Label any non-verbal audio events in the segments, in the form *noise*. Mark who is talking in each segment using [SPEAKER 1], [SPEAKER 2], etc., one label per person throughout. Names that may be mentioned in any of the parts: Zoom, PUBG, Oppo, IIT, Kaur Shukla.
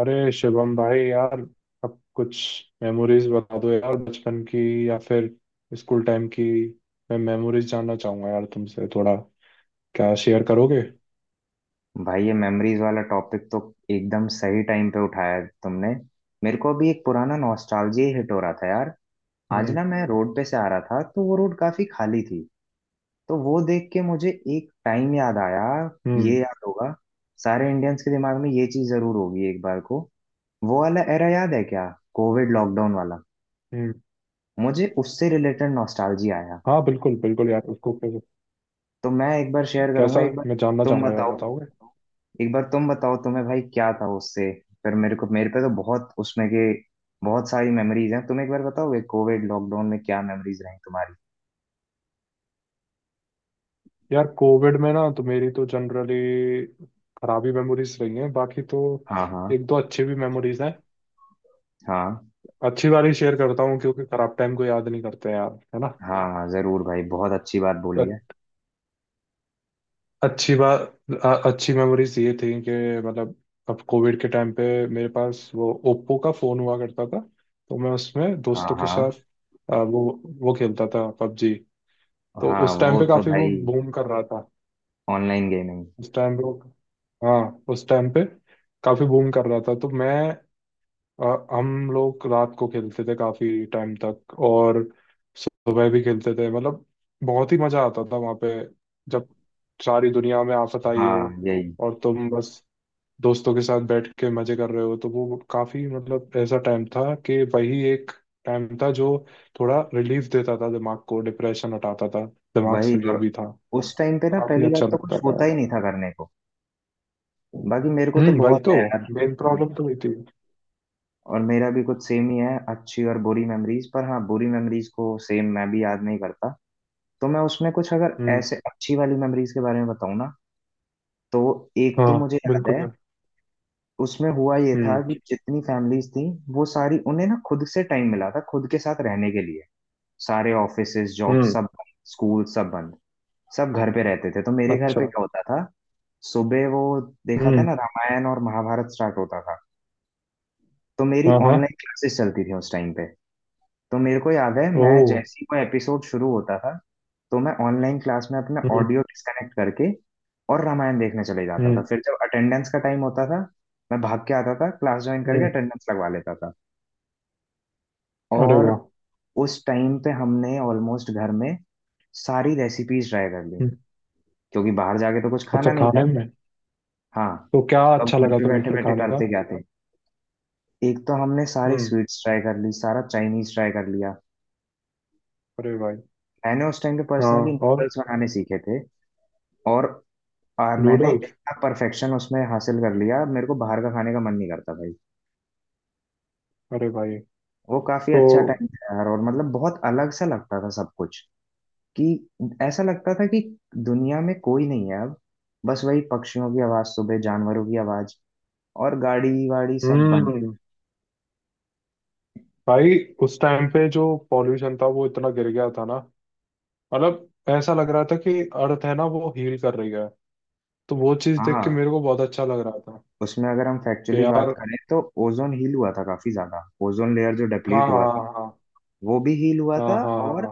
[SPEAKER 1] अरे शिवम भाई यार, अब कुछ मेमोरीज बता दो यार, बचपन की या फिर स्कूल टाइम की। मैं मेमोरीज जानना चाहूंगा यार तुमसे थोड़ा। क्या शेयर करोगे?
[SPEAKER 2] भाई ये मेमोरीज वाला टॉपिक तो एकदम सही टाइम पे उठाया तुमने। मेरे को अभी एक पुराना नॉस्टैल्जिया हिट हो रहा था यार। आज
[SPEAKER 1] हम्म।
[SPEAKER 2] ना मैं रोड पे से आ रहा था, तो वो रोड काफी खाली थी। तो वो देख के मुझे एक टाइम याद आया। ये
[SPEAKER 1] हम्म।
[SPEAKER 2] याद होगा, सारे इंडियंस के दिमाग में ये चीज जरूर होगी एक बार को। वो वाला एरा याद है क्या? कोविड लॉकडाउन वाला।
[SPEAKER 1] हम्म।
[SPEAKER 2] मुझे उससे रिलेटेड नॉस्टैल्जिया आया।
[SPEAKER 1] हाँ बिल्कुल बिल्कुल यार, उसको
[SPEAKER 2] तो मैं एक बार शेयर करूंगा।
[SPEAKER 1] कैसा
[SPEAKER 2] एक बार
[SPEAKER 1] मैं जानना
[SPEAKER 2] तुम
[SPEAKER 1] चाहूंगा यार,
[SPEAKER 2] बताओ,
[SPEAKER 1] बताओगे?
[SPEAKER 2] एक बार तुम बताओ तुम्हें भाई क्या था उससे, फिर मेरे को, मेरे पे तो बहुत उसमें के बहुत सारी मेमोरीज हैं। तुम एक बार बताओगे कोविड लॉकडाउन में क्या मेमोरीज रही तुम्हारी।
[SPEAKER 1] यार कोविड में ना तो मेरी तो जनरली खराब ही मेमोरीज रही हैं बाकी तो
[SPEAKER 2] हाँ, हाँ।
[SPEAKER 1] एक दो अच्छी भी मेमोरीज हैं।
[SPEAKER 2] हाँ।
[SPEAKER 1] अच्छी वाली शेयर करता हूँ क्योंकि खराब टाइम को याद नहीं करते यार, है
[SPEAKER 2] हाँ, हाँ जरूर भाई, बहुत अच्छी बात
[SPEAKER 1] ना।
[SPEAKER 2] बोली है।
[SPEAKER 1] अच्छी बात। अच्छी मेमोरीज ये थी कि मतलब अब कोविड के टाइम पे मेरे पास वो ओप्पो का फोन हुआ करता था। तो मैं उसमें
[SPEAKER 2] हाँ,
[SPEAKER 1] दोस्तों के
[SPEAKER 2] हाँ।
[SPEAKER 1] साथ वो खेलता था पबजी। तो
[SPEAKER 2] हाँ,
[SPEAKER 1] उस टाइम
[SPEAKER 2] वो
[SPEAKER 1] पे
[SPEAKER 2] तो
[SPEAKER 1] काफी वो
[SPEAKER 2] भाई
[SPEAKER 1] बूम कर रहा था।
[SPEAKER 2] Online gaming.
[SPEAKER 1] उस टाइम पे वो, हाँ, उस टाइम पे काफी बूम कर रहा था तो मैं, अ, हम लोग रात को खेलते थे काफी टाइम तक, और सुबह भी खेलते थे मतलब बहुत ही मजा आता था वहां पे। जब सारी दुनिया में आफत आई हो,
[SPEAKER 2] हाँ, यही।
[SPEAKER 1] और तुम बस दोस्तों के साथ बैठ के मजे कर रहे हो, तो वो काफी मतलब ऐसा टाइम था कि वही एक टाइम था जो थोड़ा रिलीफ देता था, दिमाग को डिप्रेशन हटाता था दिमाग
[SPEAKER 2] वही,
[SPEAKER 1] से जो
[SPEAKER 2] और
[SPEAKER 1] भी था।
[SPEAKER 2] उस टाइम पे ना
[SPEAKER 1] काफी
[SPEAKER 2] पहली बात
[SPEAKER 1] अच्छा
[SPEAKER 2] तो
[SPEAKER 1] लगता
[SPEAKER 2] कुछ
[SPEAKER 1] था
[SPEAKER 2] होता
[SPEAKER 1] यार।
[SPEAKER 2] ही नहीं था करने को। बाकी मेरे को तो
[SPEAKER 1] हम्म, वही
[SPEAKER 2] बहुत
[SPEAKER 1] तो
[SPEAKER 2] है यार।
[SPEAKER 1] मेन प्रॉब्लम तो वही थी।
[SPEAKER 2] और मेरा भी कुछ सेम ही है अच्छी और बुरी मेमोरीज पर। हाँ, बुरी मेमोरीज को सेम मैं भी याद नहीं करता। तो मैं उसमें कुछ अगर
[SPEAKER 1] हम्म।
[SPEAKER 2] ऐसे अच्छी वाली मेमोरीज के बारे में बताऊँ ना, तो एक तो
[SPEAKER 1] हाँ
[SPEAKER 2] मुझे याद
[SPEAKER 1] बिल्कुल
[SPEAKER 2] है,
[SPEAKER 1] यार।
[SPEAKER 2] उसमें हुआ ये था
[SPEAKER 1] हम्म।
[SPEAKER 2] कि जितनी फैमिलीज थी, वो सारी, उन्हें ना खुद से टाइम मिला था खुद के साथ रहने के लिए। सारे ऑफिसेज, जॉब
[SPEAKER 1] हम्म।
[SPEAKER 2] सब बंद, स्कूल सब बंद, सब घर पे रहते थे। तो मेरे घर पे
[SPEAKER 1] अच्छा।
[SPEAKER 2] क्या होता था, सुबह वो देखा था
[SPEAKER 1] हम्म।
[SPEAKER 2] ना, रामायण और महाभारत स्टार्ट होता था। तो मेरी
[SPEAKER 1] हाँ हाँ।
[SPEAKER 2] ऑनलाइन क्लासेस चलती थी उस टाइम पे। तो मेरे को याद है,
[SPEAKER 1] ओ।
[SPEAKER 2] मैं जैसे ही कोई एपिसोड शुरू होता था तो मैं ऑनलाइन क्लास में अपना
[SPEAKER 1] हम्म।
[SPEAKER 2] ऑडियो डिस्कनेक्ट करके और रामायण देखने चले जाता था।
[SPEAKER 1] हम्म।
[SPEAKER 2] फिर जब अटेंडेंस का टाइम होता था, मैं भाग के आता था, क्लास ज्वाइन करके
[SPEAKER 1] हम्म।
[SPEAKER 2] अटेंडेंस लगवा लेता था।
[SPEAKER 1] अरे
[SPEAKER 2] और
[SPEAKER 1] वाह।
[SPEAKER 2] उस टाइम पे हमने ऑलमोस्ट घर में सारी रेसिपीज ट्राई कर ली,
[SPEAKER 1] हम्म।
[SPEAKER 2] क्योंकि बाहर जाके तो कुछ
[SPEAKER 1] अच्छा,
[SPEAKER 2] खाना नहीं
[SPEAKER 1] खाने
[SPEAKER 2] था।
[SPEAKER 1] में?
[SPEAKER 2] हाँ।
[SPEAKER 1] तो क्या
[SPEAKER 2] अब
[SPEAKER 1] अच्छा
[SPEAKER 2] घर
[SPEAKER 1] लगा
[SPEAKER 2] पे
[SPEAKER 1] तुम्हें
[SPEAKER 2] बैठे
[SPEAKER 1] फिर
[SPEAKER 2] बैठे
[SPEAKER 1] खाने का?
[SPEAKER 2] करते क्या थे। एक तो हमने सारी
[SPEAKER 1] हम्म।
[SPEAKER 2] स्वीट्स ट्राई कर ली, सारा चाइनीज ट्राई कर लिया।
[SPEAKER 1] अरे भाई।
[SPEAKER 2] मैंने उस टाइम पे
[SPEAKER 1] हाँ।
[SPEAKER 2] पर्सनली
[SPEAKER 1] और?
[SPEAKER 2] नूडल्स बनाने सीखे थे। और मैंने
[SPEAKER 1] नूडल्स?
[SPEAKER 2] इतना परफेक्शन उसमें हासिल कर लिया, मेरे को बाहर का खाने का मन नहीं करता भाई।
[SPEAKER 1] अरे भाई।
[SPEAKER 2] वो काफी
[SPEAKER 1] तो
[SPEAKER 2] अच्छा टाइम था यार, और मतलब बहुत अलग सा लगता था सब कुछ। कि ऐसा लगता था कि दुनिया में कोई नहीं है अब। बस वही पक्षियों की आवाज, सुबह जानवरों की आवाज, और गाड़ी वाड़ी सब बंद।
[SPEAKER 1] हम्म। भाई उस टाइम पे जो पॉल्यूशन था वो इतना गिर गया था ना, मतलब ऐसा लग रहा था कि अर्थ है ना वो हील कर रही है। तो वो चीज देख के
[SPEAKER 2] हाँ,
[SPEAKER 1] मेरे को बहुत अच्छा लग रहा था
[SPEAKER 2] उसमें अगर हम
[SPEAKER 1] कि
[SPEAKER 2] फैक्चुअली बात
[SPEAKER 1] यार।
[SPEAKER 2] करें तो ओजोन हील हुआ था काफी ज्यादा। ओजोन लेयर जो
[SPEAKER 1] हाँ
[SPEAKER 2] डिप्लीट हुआ
[SPEAKER 1] हाँ
[SPEAKER 2] था,
[SPEAKER 1] हाँ
[SPEAKER 2] वो भी हील हुआ
[SPEAKER 1] हाँ।
[SPEAKER 2] था।
[SPEAKER 1] हाँ हाँ
[SPEAKER 2] और
[SPEAKER 1] हाँ।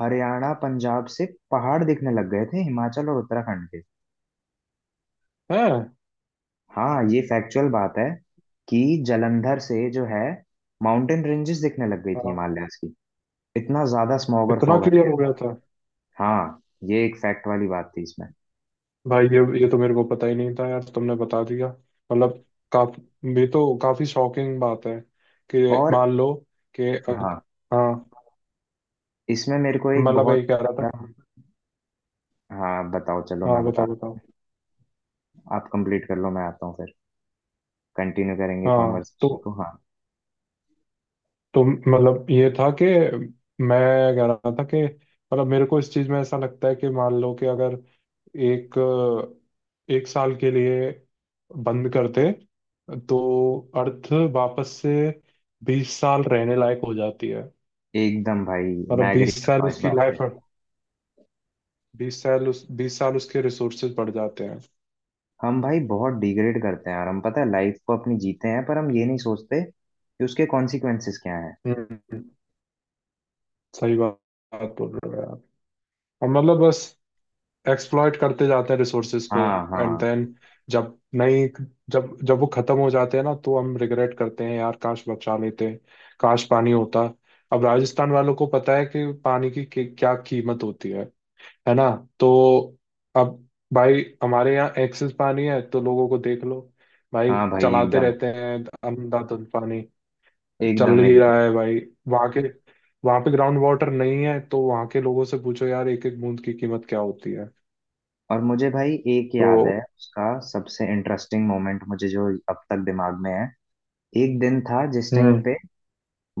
[SPEAKER 2] हरियाणा, पंजाब से पहाड़ दिखने लग गए थे, हिमाचल और उत्तराखंड के।
[SPEAKER 1] हैं?
[SPEAKER 2] हाँ, ये फैक्चुअल बात है कि जलंधर से जो है माउंटेन रेंजेस दिखने लग गई थी
[SPEAKER 1] हाँ।
[SPEAKER 2] हिमालयाज की। इतना ज्यादा स्मॉग और
[SPEAKER 1] इतना
[SPEAKER 2] फॉग हट
[SPEAKER 1] क्लियर
[SPEAKER 2] गया
[SPEAKER 1] हो गया
[SPEAKER 2] था।
[SPEAKER 1] था।
[SPEAKER 2] हाँ, ये एक फैक्ट वाली बात थी इसमें।
[SPEAKER 1] भाई ये तो मेरे को पता ही नहीं था यार, तो तुमने बता दिया। मतलब काफी, ये तो काफी शॉकिंग बात है। कि
[SPEAKER 2] और
[SPEAKER 1] मान लो कि
[SPEAKER 2] हाँ,
[SPEAKER 1] हाँ।
[SPEAKER 2] इसमें मेरे को एक
[SPEAKER 1] मतलब
[SPEAKER 2] बहुत
[SPEAKER 1] यही कह रहा था।
[SPEAKER 2] ज्यादा- हाँ बताओ, चलो
[SPEAKER 1] हाँ
[SPEAKER 2] मैं बता,
[SPEAKER 1] बताओ बताओ।
[SPEAKER 2] आप कंप्लीट कर लो, मैं आता हूँ, फिर कंटिन्यू करेंगे
[SPEAKER 1] हाँ। तो
[SPEAKER 2] कॉन्वर्सेशन को। हाँ,
[SPEAKER 1] मतलब ये था कि मैं कह रहा था कि मतलब मेरे को इस चीज में ऐसा लगता है कि मान लो कि अगर एक एक साल के लिए बंद करते तो अर्थ वापस से 20 साल रहने लायक हो जाती है।
[SPEAKER 2] एकदम भाई,
[SPEAKER 1] और अब
[SPEAKER 2] मैं एग्री
[SPEAKER 1] बीस
[SPEAKER 2] करता
[SPEAKER 1] साल
[SPEAKER 2] हूँ इस
[SPEAKER 1] उसकी
[SPEAKER 2] बात
[SPEAKER 1] लाइफ,
[SPEAKER 2] पे।
[SPEAKER 1] 20 साल उस 20 साल उसके रिसोर्सेज बढ़ जाते हैं।
[SPEAKER 2] हम भाई बहुत डिग्रेड करते हैं यार हम, पता है लाइफ को अपनी जीते हैं, पर हम ये नहीं सोचते कि उसके कॉन्सिक्वेंसेस क्या हैं।
[SPEAKER 1] हम्म। सही बात। बात बोल रहे हो यार। और मतलब बस एक्सप्लॉइट करते जाते हैं रिसोर्सेज को।
[SPEAKER 2] हाँ,
[SPEAKER 1] एंड देन,
[SPEAKER 2] हाँ।
[SPEAKER 1] जब नहीं, जब जब वो खत्म हो जाते हैं ना तो हम रिग्रेट करते हैं यार, काश बचा लेते, काश पानी होता। अब राजस्थान वालों को पता है कि पानी की क्या कीमत होती है ना। तो अब भाई, हमारे यहाँ एक्सेस पानी है तो लोगों को देख लो, भाई,
[SPEAKER 2] हाँ भाई,
[SPEAKER 1] चलाते
[SPEAKER 2] एकदम
[SPEAKER 1] रहते हैं अंधाधुंध पानी। चल
[SPEAKER 2] एकदम
[SPEAKER 1] ही
[SPEAKER 2] एकदम।
[SPEAKER 1] रहा है भाई। वहां के वहां पे ग्राउंड वाटर नहीं है तो वहां के लोगों से पूछो यार, एक एक बूंद की कीमत क्या होती है।
[SPEAKER 2] और मुझे भाई एक
[SPEAKER 1] तो
[SPEAKER 2] याद है, उसका सबसे इंटरेस्टिंग मोमेंट मुझे, जो अब तक दिमाग में है। एक दिन था जिस टाइम
[SPEAKER 1] हम्म।
[SPEAKER 2] पे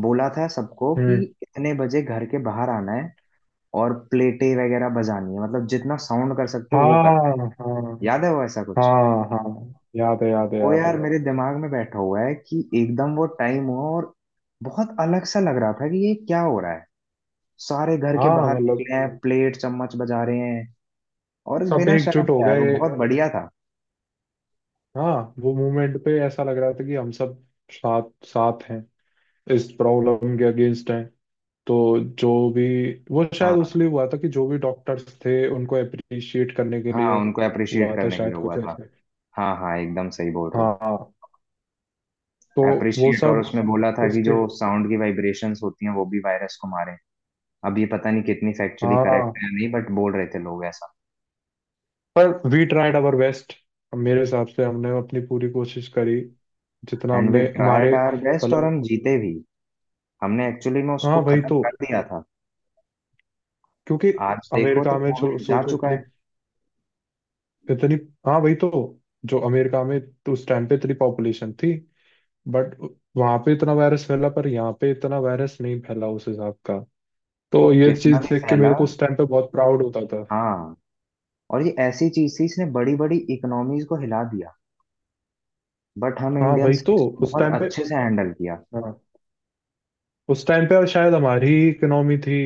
[SPEAKER 2] बोला था सबको कि
[SPEAKER 1] हम्म।
[SPEAKER 2] इतने बजे घर के बाहर आना है और प्लेटें वगैरह बजानी है, मतलब जितना साउंड कर सकते हो वो कर।
[SPEAKER 1] हाँ। हाँ
[SPEAKER 2] याद है वो, ऐसा कुछ।
[SPEAKER 1] हाँ। हाँ याद है याद है
[SPEAKER 2] वो
[SPEAKER 1] याद है।
[SPEAKER 2] यार मेरे दिमाग में बैठा हुआ है कि एकदम वो टाइम हुआ, और बहुत अलग सा लग रहा था कि ये क्या हो रहा है। सारे घर के
[SPEAKER 1] हाँ,
[SPEAKER 2] बाहर निकले
[SPEAKER 1] मतलब
[SPEAKER 2] हैं, प्लेट चम्मच बजा रहे हैं, और
[SPEAKER 1] सब
[SPEAKER 2] बिना शर्म
[SPEAKER 1] एकजुट हो
[SPEAKER 2] के। यार वो
[SPEAKER 1] गए।
[SPEAKER 2] बहुत बढ़िया था।
[SPEAKER 1] हाँ, वो मूवमेंट पे ऐसा लग रहा था कि हम सब साथ साथ हैं, इस प्रॉब्लम के अगेंस्ट हैं। तो जो भी, वो शायद
[SPEAKER 2] हाँ।
[SPEAKER 1] उसलिए हुआ था कि जो भी डॉक्टर्स थे उनको अप्रिशिएट करने के लिए
[SPEAKER 2] हाँ, उनको अप्रिशिएट
[SPEAKER 1] हुआ था
[SPEAKER 2] करने के लिए
[SPEAKER 1] शायद, कुछ
[SPEAKER 2] हुआ था।
[SPEAKER 1] ऐसे।
[SPEAKER 2] हाँ, हाँ एकदम सही बोल रहे
[SPEAKER 1] हाँ
[SPEAKER 2] हो।
[SPEAKER 1] हाँ। तो वो
[SPEAKER 2] अप्रिशिएट, और
[SPEAKER 1] सब
[SPEAKER 2] उसमें बोला था कि
[SPEAKER 1] उसके।
[SPEAKER 2] जो साउंड की वाइब्रेशंस होती हैं वो भी वायरस को मारे। अब ये पता नहीं कितनी फैक्चुअली करेक्ट
[SPEAKER 1] हाँ।
[SPEAKER 2] है या नहीं, बट बोल रहे थे लोग ऐसा।
[SPEAKER 1] पर वी ट्राइड आवर बेस्ट, मेरे हिसाब से हमने अपनी पूरी कोशिश करी जितना
[SPEAKER 2] एंड वी
[SPEAKER 1] हमने
[SPEAKER 2] ट्राइड
[SPEAKER 1] हमारे
[SPEAKER 2] आवर बेस्ट, और हम
[SPEAKER 1] मतलब।
[SPEAKER 2] जीते भी। हमने एक्चुअली में उसको
[SPEAKER 1] हाँ वही
[SPEAKER 2] खत्म
[SPEAKER 1] तो,
[SPEAKER 2] कर दिया था।
[SPEAKER 1] क्योंकि
[SPEAKER 2] आज देखो तो
[SPEAKER 1] अमेरिका में छो-
[SPEAKER 2] कोविड जा
[SPEAKER 1] सोचो
[SPEAKER 2] चुका
[SPEAKER 1] इतनी
[SPEAKER 2] है,
[SPEAKER 1] इतनी। हाँ वही तो, जो अमेरिका में, तो उस टाइम पे इतनी पॉपुलेशन थी, बट वहां पे इतना वायरस फैला, पर यहाँ पे इतना वायरस नहीं फैला उस हिसाब का।
[SPEAKER 2] वो
[SPEAKER 1] तो ये
[SPEAKER 2] कितना
[SPEAKER 1] चीज
[SPEAKER 2] भी
[SPEAKER 1] देख के
[SPEAKER 2] फैला।
[SPEAKER 1] मेरे को उस टाइम पे बहुत प्राउड होता था।
[SPEAKER 2] हाँ, और ये ऐसी चीज थी, इसने बड़ी बड़ी इकोनॉमीज को हिला दिया। बट हम
[SPEAKER 1] हाँ भाई,
[SPEAKER 2] इंडियंस
[SPEAKER 1] तो उस
[SPEAKER 2] बहुत
[SPEAKER 1] टाइम पे,
[SPEAKER 2] अच्छे से हैंडल किया।
[SPEAKER 1] हाँ, उस टाइम पे शायद हमारी ही इकोनॉमी थी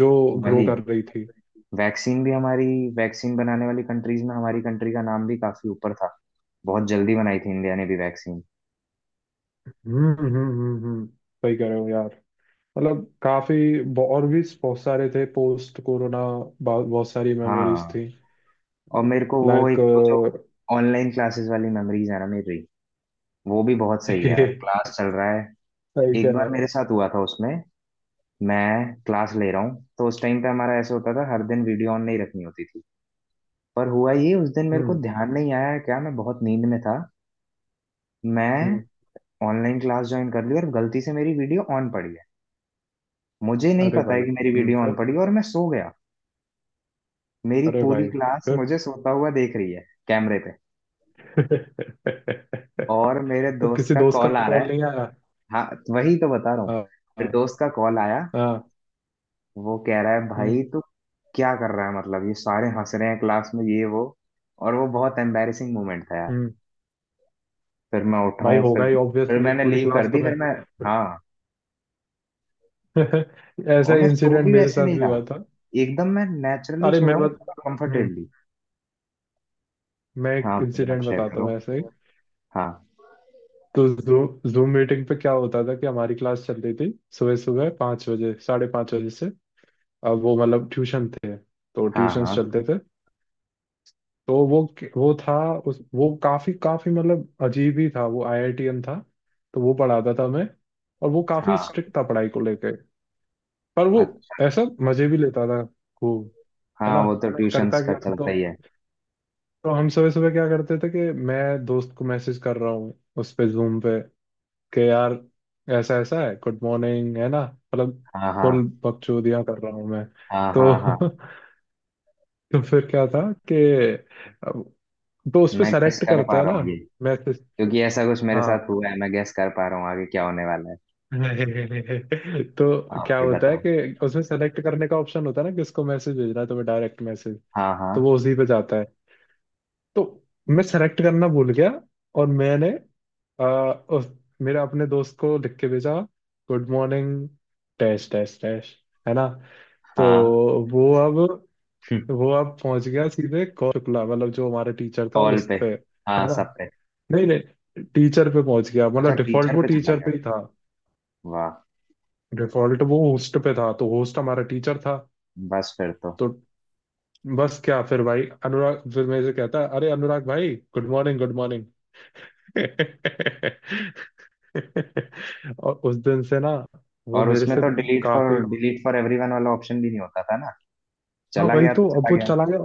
[SPEAKER 1] जो ग्रो
[SPEAKER 2] वही,
[SPEAKER 1] कर रही थी।
[SPEAKER 2] वैक्सीन भी हमारी, वैक्सीन बनाने वाली कंट्रीज में हमारी कंट्री का नाम भी काफी ऊपर था। बहुत जल्दी बनाई थी इंडिया ने भी वैक्सीन।
[SPEAKER 1] हम्म। सही कह रहे हो यार। मतलब काफी, ब- और भी बहुत सारे थे पोस्ट कोरोना, बहुत सारी मेमोरीज
[SPEAKER 2] हाँ,
[SPEAKER 1] थी।
[SPEAKER 2] और मेरे को वो
[SPEAKER 1] लाइक,
[SPEAKER 2] एक तो जो ऑनलाइन क्लासेस वाली मेमोरीज है ना मेरी, वो भी बहुत
[SPEAKER 1] *laughs*
[SPEAKER 2] सही है यार।
[SPEAKER 1] सही
[SPEAKER 2] क्लास चल रहा है,
[SPEAKER 1] कह
[SPEAKER 2] एक
[SPEAKER 1] रहे
[SPEAKER 2] बार मेरे
[SPEAKER 1] हो।
[SPEAKER 2] साथ हुआ था उसमें, मैं क्लास ले रहा हूँ, तो उस टाइम पे हमारा ऐसा होता था, हर दिन वीडियो ऑन नहीं रखनी होती थी। पर हुआ ये, उस दिन मेरे को
[SPEAKER 1] हम्म।
[SPEAKER 2] ध्यान नहीं आया क्या, मैं बहुत नींद में था। मैं
[SPEAKER 1] हम्म।
[SPEAKER 2] ऑनलाइन क्लास ज्वाइन कर ली और गलती से मेरी वीडियो ऑन पड़ी है। मुझे नहीं
[SPEAKER 1] अरे
[SPEAKER 2] पता है
[SPEAKER 1] भाई।
[SPEAKER 2] कि मेरी वीडियो ऑन
[SPEAKER 1] फिर।
[SPEAKER 2] पड़ी, और मैं सो गया। मेरी
[SPEAKER 1] अरे
[SPEAKER 2] पूरी
[SPEAKER 1] भाई।
[SPEAKER 2] क्लास मुझे सोता हुआ देख रही है कैमरे पे, और मेरे
[SPEAKER 1] *laughs* तो
[SPEAKER 2] दोस्त
[SPEAKER 1] किसी
[SPEAKER 2] का
[SPEAKER 1] दोस्त का
[SPEAKER 2] कॉल आ रहा
[SPEAKER 1] कॉल
[SPEAKER 2] है।
[SPEAKER 1] नहीं आया?
[SPEAKER 2] हाँ, वही तो बता रहा हूँ।
[SPEAKER 1] हाँ।
[SPEAKER 2] फिर
[SPEAKER 1] हाँ।
[SPEAKER 2] दोस्त का कॉल आया,
[SPEAKER 1] हाँ,
[SPEAKER 2] वो कह रहा है
[SPEAKER 1] हम्म।
[SPEAKER 2] भाई तू क्या कर रहा है, मतलब ये सारे हंस रहे हैं क्लास में ये वो। और वो बहुत एम्बैरेसिंग मोमेंट था यार।
[SPEAKER 1] हम्म।
[SPEAKER 2] फिर मैं उठा
[SPEAKER 1] भाई
[SPEAKER 2] हूँ, फिर
[SPEAKER 1] होगा ही
[SPEAKER 2] फिर
[SPEAKER 1] ऑब्वियसली,
[SPEAKER 2] मैंने
[SPEAKER 1] पूरी
[SPEAKER 2] लीव कर
[SPEAKER 1] क्लास तो,
[SPEAKER 2] दी, फिर
[SPEAKER 1] मैं
[SPEAKER 2] मैं, हाँ।
[SPEAKER 1] *laughs* ऐसा
[SPEAKER 2] और मैं सो
[SPEAKER 1] इंसिडेंट
[SPEAKER 2] भी
[SPEAKER 1] मेरे
[SPEAKER 2] वैसे
[SPEAKER 1] साथ
[SPEAKER 2] नहीं
[SPEAKER 1] भी
[SPEAKER 2] रहा,
[SPEAKER 1] हुआ था।
[SPEAKER 2] एकदम मैं नेचुरली
[SPEAKER 1] अरे
[SPEAKER 2] सो
[SPEAKER 1] मैं
[SPEAKER 2] रहा हूँ,
[SPEAKER 1] बत- हम्म।
[SPEAKER 2] कंफर्टेबली।
[SPEAKER 1] मैं
[SPEAKER 2] हाँ
[SPEAKER 1] एक
[SPEAKER 2] भाई आप
[SPEAKER 1] इंसिडेंट
[SPEAKER 2] शेयर
[SPEAKER 1] बताता
[SPEAKER 2] करो।
[SPEAKER 1] हूँ ऐसे ही।
[SPEAKER 2] हाँ,
[SPEAKER 1] तो जूम मीटिंग पे क्या होता था कि हमारी क्लास चल रही थी सुबह सुबह 5 बजे, 5:30 बजे से। अब वो मतलब ट्यूशन थे तो
[SPEAKER 2] हाँ।
[SPEAKER 1] ट्यूशन
[SPEAKER 2] हाँ,
[SPEAKER 1] चलते थे। तो वो था उस वो काफी काफी मतलब अजीब ही था, वो आईआईटीएन था। तो वो पढ़ाता था मैं, और वो काफी
[SPEAKER 2] हाँ।
[SPEAKER 1] स्ट्रिक्ट था पढ़ाई को लेके। पर वो
[SPEAKER 2] अच्छा।
[SPEAKER 1] ऐसा मजे भी लेता था खूब, है
[SPEAKER 2] हाँ,
[SPEAKER 1] ना।
[SPEAKER 2] वो तो मैं ट्यूशंस का कर चलता सकता
[SPEAKER 1] तो
[SPEAKER 2] ही है।
[SPEAKER 1] हम सुबह सुबह क्या करते थे कि मैं दोस्त को मैसेज कर रहा हूँ उस पे, जूम पे। कि यार, ऐसा ऐसा है, गुड मॉर्निंग, है ना, मतलब
[SPEAKER 2] हाँ,
[SPEAKER 1] फुल
[SPEAKER 2] हाँ।
[SPEAKER 1] बकचोदियां कर रहा हूँ मैं।
[SPEAKER 2] हाँ, हाँ, हाँ।
[SPEAKER 1] तो *laughs* तो फिर क्या था कि अब- तो उस पे
[SPEAKER 2] मैं गेस
[SPEAKER 1] सेलेक्ट
[SPEAKER 2] कर
[SPEAKER 1] करते
[SPEAKER 2] पा
[SPEAKER 1] हैं
[SPEAKER 2] रहा
[SPEAKER 1] ना
[SPEAKER 2] हूँ ये,
[SPEAKER 1] मैसेज।
[SPEAKER 2] क्योंकि ऐसा कुछ मेरे
[SPEAKER 1] हाँ
[SPEAKER 2] साथ हुआ है। मैं गेस कर पा रहा हूँ आगे क्या होने वाला है।
[SPEAKER 1] *laughs* तो
[SPEAKER 2] आप
[SPEAKER 1] क्या
[SPEAKER 2] ही
[SPEAKER 1] होता है
[SPEAKER 2] बताओ।
[SPEAKER 1] कि उसमें सेलेक्ट करने का ऑप्शन होता है ना, किसको मैसेज भेजना है तुम्हें, डायरेक्ट मैसेज।
[SPEAKER 2] हाँ, हाँ,
[SPEAKER 1] तो वो उसी पे जाता है। तो मैं सेलेक्ट करना भूल गया और मैंने आ, उस, मेरे अपने दोस्त को लिख के भेजा, good morning dash dash dash, है ना। तो
[SPEAKER 2] हाँ।
[SPEAKER 1] वो अब,
[SPEAKER 2] *laughs*
[SPEAKER 1] वो अब पहुंच गया सीधे कौर शुक्ला, मतलब जो हमारा टीचर था
[SPEAKER 2] ऑल
[SPEAKER 1] उस
[SPEAKER 2] पे?
[SPEAKER 1] पे,
[SPEAKER 2] हाँ,
[SPEAKER 1] है ना।
[SPEAKER 2] सब पे?
[SPEAKER 1] नहीं नहीं, टीचर पे पहुंच गया,
[SPEAKER 2] अच्छा,
[SPEAKER 1] मतलब डिफॉल्ट
[SPEAKER 2] टीचर
[SPEAKER 1] वो
[SPEAKER 2] पे चला
[SPEAKER 1] टीचर
[SPEAKER 2] गया।
[SPEAKER 1] पे ही था।
[SPEAKER 2] वाह,
[SPEAKER 1] डिफॉल्ट वो होस्ट पे था तो होस्ट हमारा टीचर था।
[SPEAKER 2] बस फिर तो।
[SPEAKER 1] तो बस क्या, फिर भाई अनुराग फिर मेरे से कहता है, अरे अनुराग भाई गुड मॉर्निंग गुड मॉर्निंग। *laughs* और उस दिन से ना वो
[SPEAKER 2] और
[SPEAKER 1] मेरे
[SPEAKER 2] उसमें
[SPEAKER 1] से
[SPEAKER 2] तो डिलीट फॉर,
[SPEAKER 1] काफी।
[SPEAKER 2] डिलीट फॉर एवरीवन वाला ऑप्शन भी नहीं होता था ना,
[SPEAKER 1] हाँ
[SPEAKER 2] चला
[SPEAKER 1] भाई,
[SPEAKER 2] गया तो
[SPEAKER 1] तो अब
[SPEAKER 2] चला
[SPEAKER 1] वो
[SPEAKER 2] गया।
[SPEAKER 1] चला गया।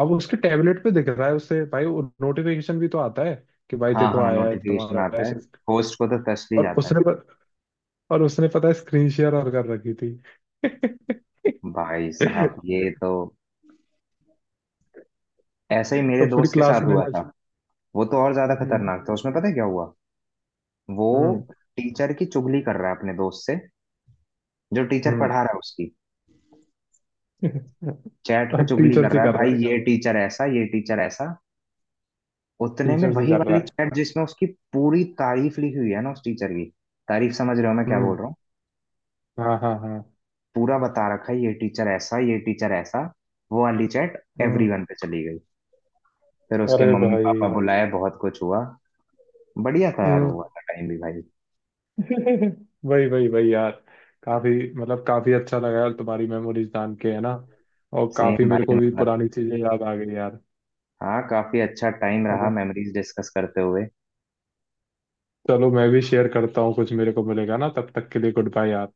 [SPEAKER 1] अब उसके टैबलेट पे दिख रहा है उससे, भाई नोटिफिकेशन भी तो आता है, कि भाई
[SPEAKER 2] हाँ,
[SPEAKER 1] देखो
[SPEAKER 2] हाँ,
[SPEAKER 1] आया है
[SPEAKER 2] नोटिफिकेशन
[SPEAKER 1] तुम्हारा
[SPEAKER 2] आता है,
[SPEAKER 1] ऐसे।
[SPEAKER 2] होस्ट को तो टच भी
[SPEAKER 1] और
[SPEAKER 2] जाता है।
[SPEAKER 1] और उसने पता है स्क्रीन शेयर और कर रखी थी। *laughs*
[SPEAKER 2] भाई साहब, ये तो ऐसा ही मेरे
[SPEAKER 1] तो पूरी
[SPEAKER 2] दोस्त के
[SPEAKER 1] क्लास
[SPEAKER 2] साथ
[SPEAKER 1] ने
[SPEAKER 2] हुआ
[SPEAKER 1] मेरे
[SPEAKER 2] था।
[SPEAKER 1] से-,
[SPEAKER 2] वो तो और ज्यादा
[SPEAKER 1] हम्म।
[SPEAKER 2] खतरनाक था, उसमें पता है क्या हुआ। वो
[SPEAKER 1] हम्म।
[SPEAKER 2] टीचर की चुगली कर रहा है अपने दोस्त से, जो टीचर
[SPEAKER 1] हम्म।
[SPEAKER 2] पढ़ा रहा है उसकी।
[SPEAKER 1] *laughs* टीचर
[SPEAKER 2] चैट पे चुगली कर
[SPEAKER 1] से
[SPEAKER 2] रहा है
[SPEAKER 1] कर
[SPEAKER 2] भाई,
[SPEAKER 1] रहा है।
[SPEAKER 2] ये गजब, टीचर ऐसा, ये टीचर ऐसा। उतने में
[SPEAKER 1] टीचर से
[SPEAKER 2] वही
[SPEAKER 1] कर रहा
[SPEAKER 2] वाली
[SPEAKER 1] है।
[SPEAKER 2] चैट जिसमें उसकी पूरी तारीफ लिखी हुई है ना उस टीचर की। तारीफ, समझ रहे हो मैं क्या बोल
[SPEAKER 1] हम्म।
[SPEAKER 2] रहा हूँ।
[SPEAKER 1] हाँ हाँ हाँ।
[SPEAKER 2] पूरा बता रखा है, ये टीचर ऐसा, ये टीचर ऐसा। वो वाली चैट
[SPEAKER 1] हम्म।
[SPEAKER 2] एवरीवन पे चली गई। फिर उसके
[SPEAKER 1] अरे
[SPEAKER 2] मम्मी पापा
[SPEAKER 1] भाई।
[SPEAKER 2] बुलाए, बहुत कुछ हुआ। बढ़िया था यार वो
[SPEAKER 1] हम्म।
[SPEAKER 2] वाला टाइम भी भाई।
[SPEAKER 1] *laughs* वही वही वही यार, काफी मतलब काफी अच्छा लगा यार तुम्हारी मेमोरीज जान के, है ना। और काफी
[SPEAKER 2] सेम
[SPEAKER 1] मेरे
[SPEAKER 2] भाई,
[SPEAKER 1] को भी
[SPEAKER 2] मतलब।
[SPEAKER 1] पुरानी चीजें याद आ गई यार।
[SPEAKER 2] हाँ, काफी अच्छा टाइम रहा
[SPEAKER 1] अब-
[SPEAKER 2] मेमोरीज डिस्कस करते हुए।
[SPEAKER 1] चलो मैं भी शेयर करता हूँ कुछ, मेरे को मिलेगा ना तब तक के लिए, गुड बाय यार।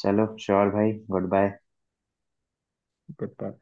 [SPEAKER 2] चलो श्योर भाई, गुड बाय।
[SPEAKER 1] Good bye.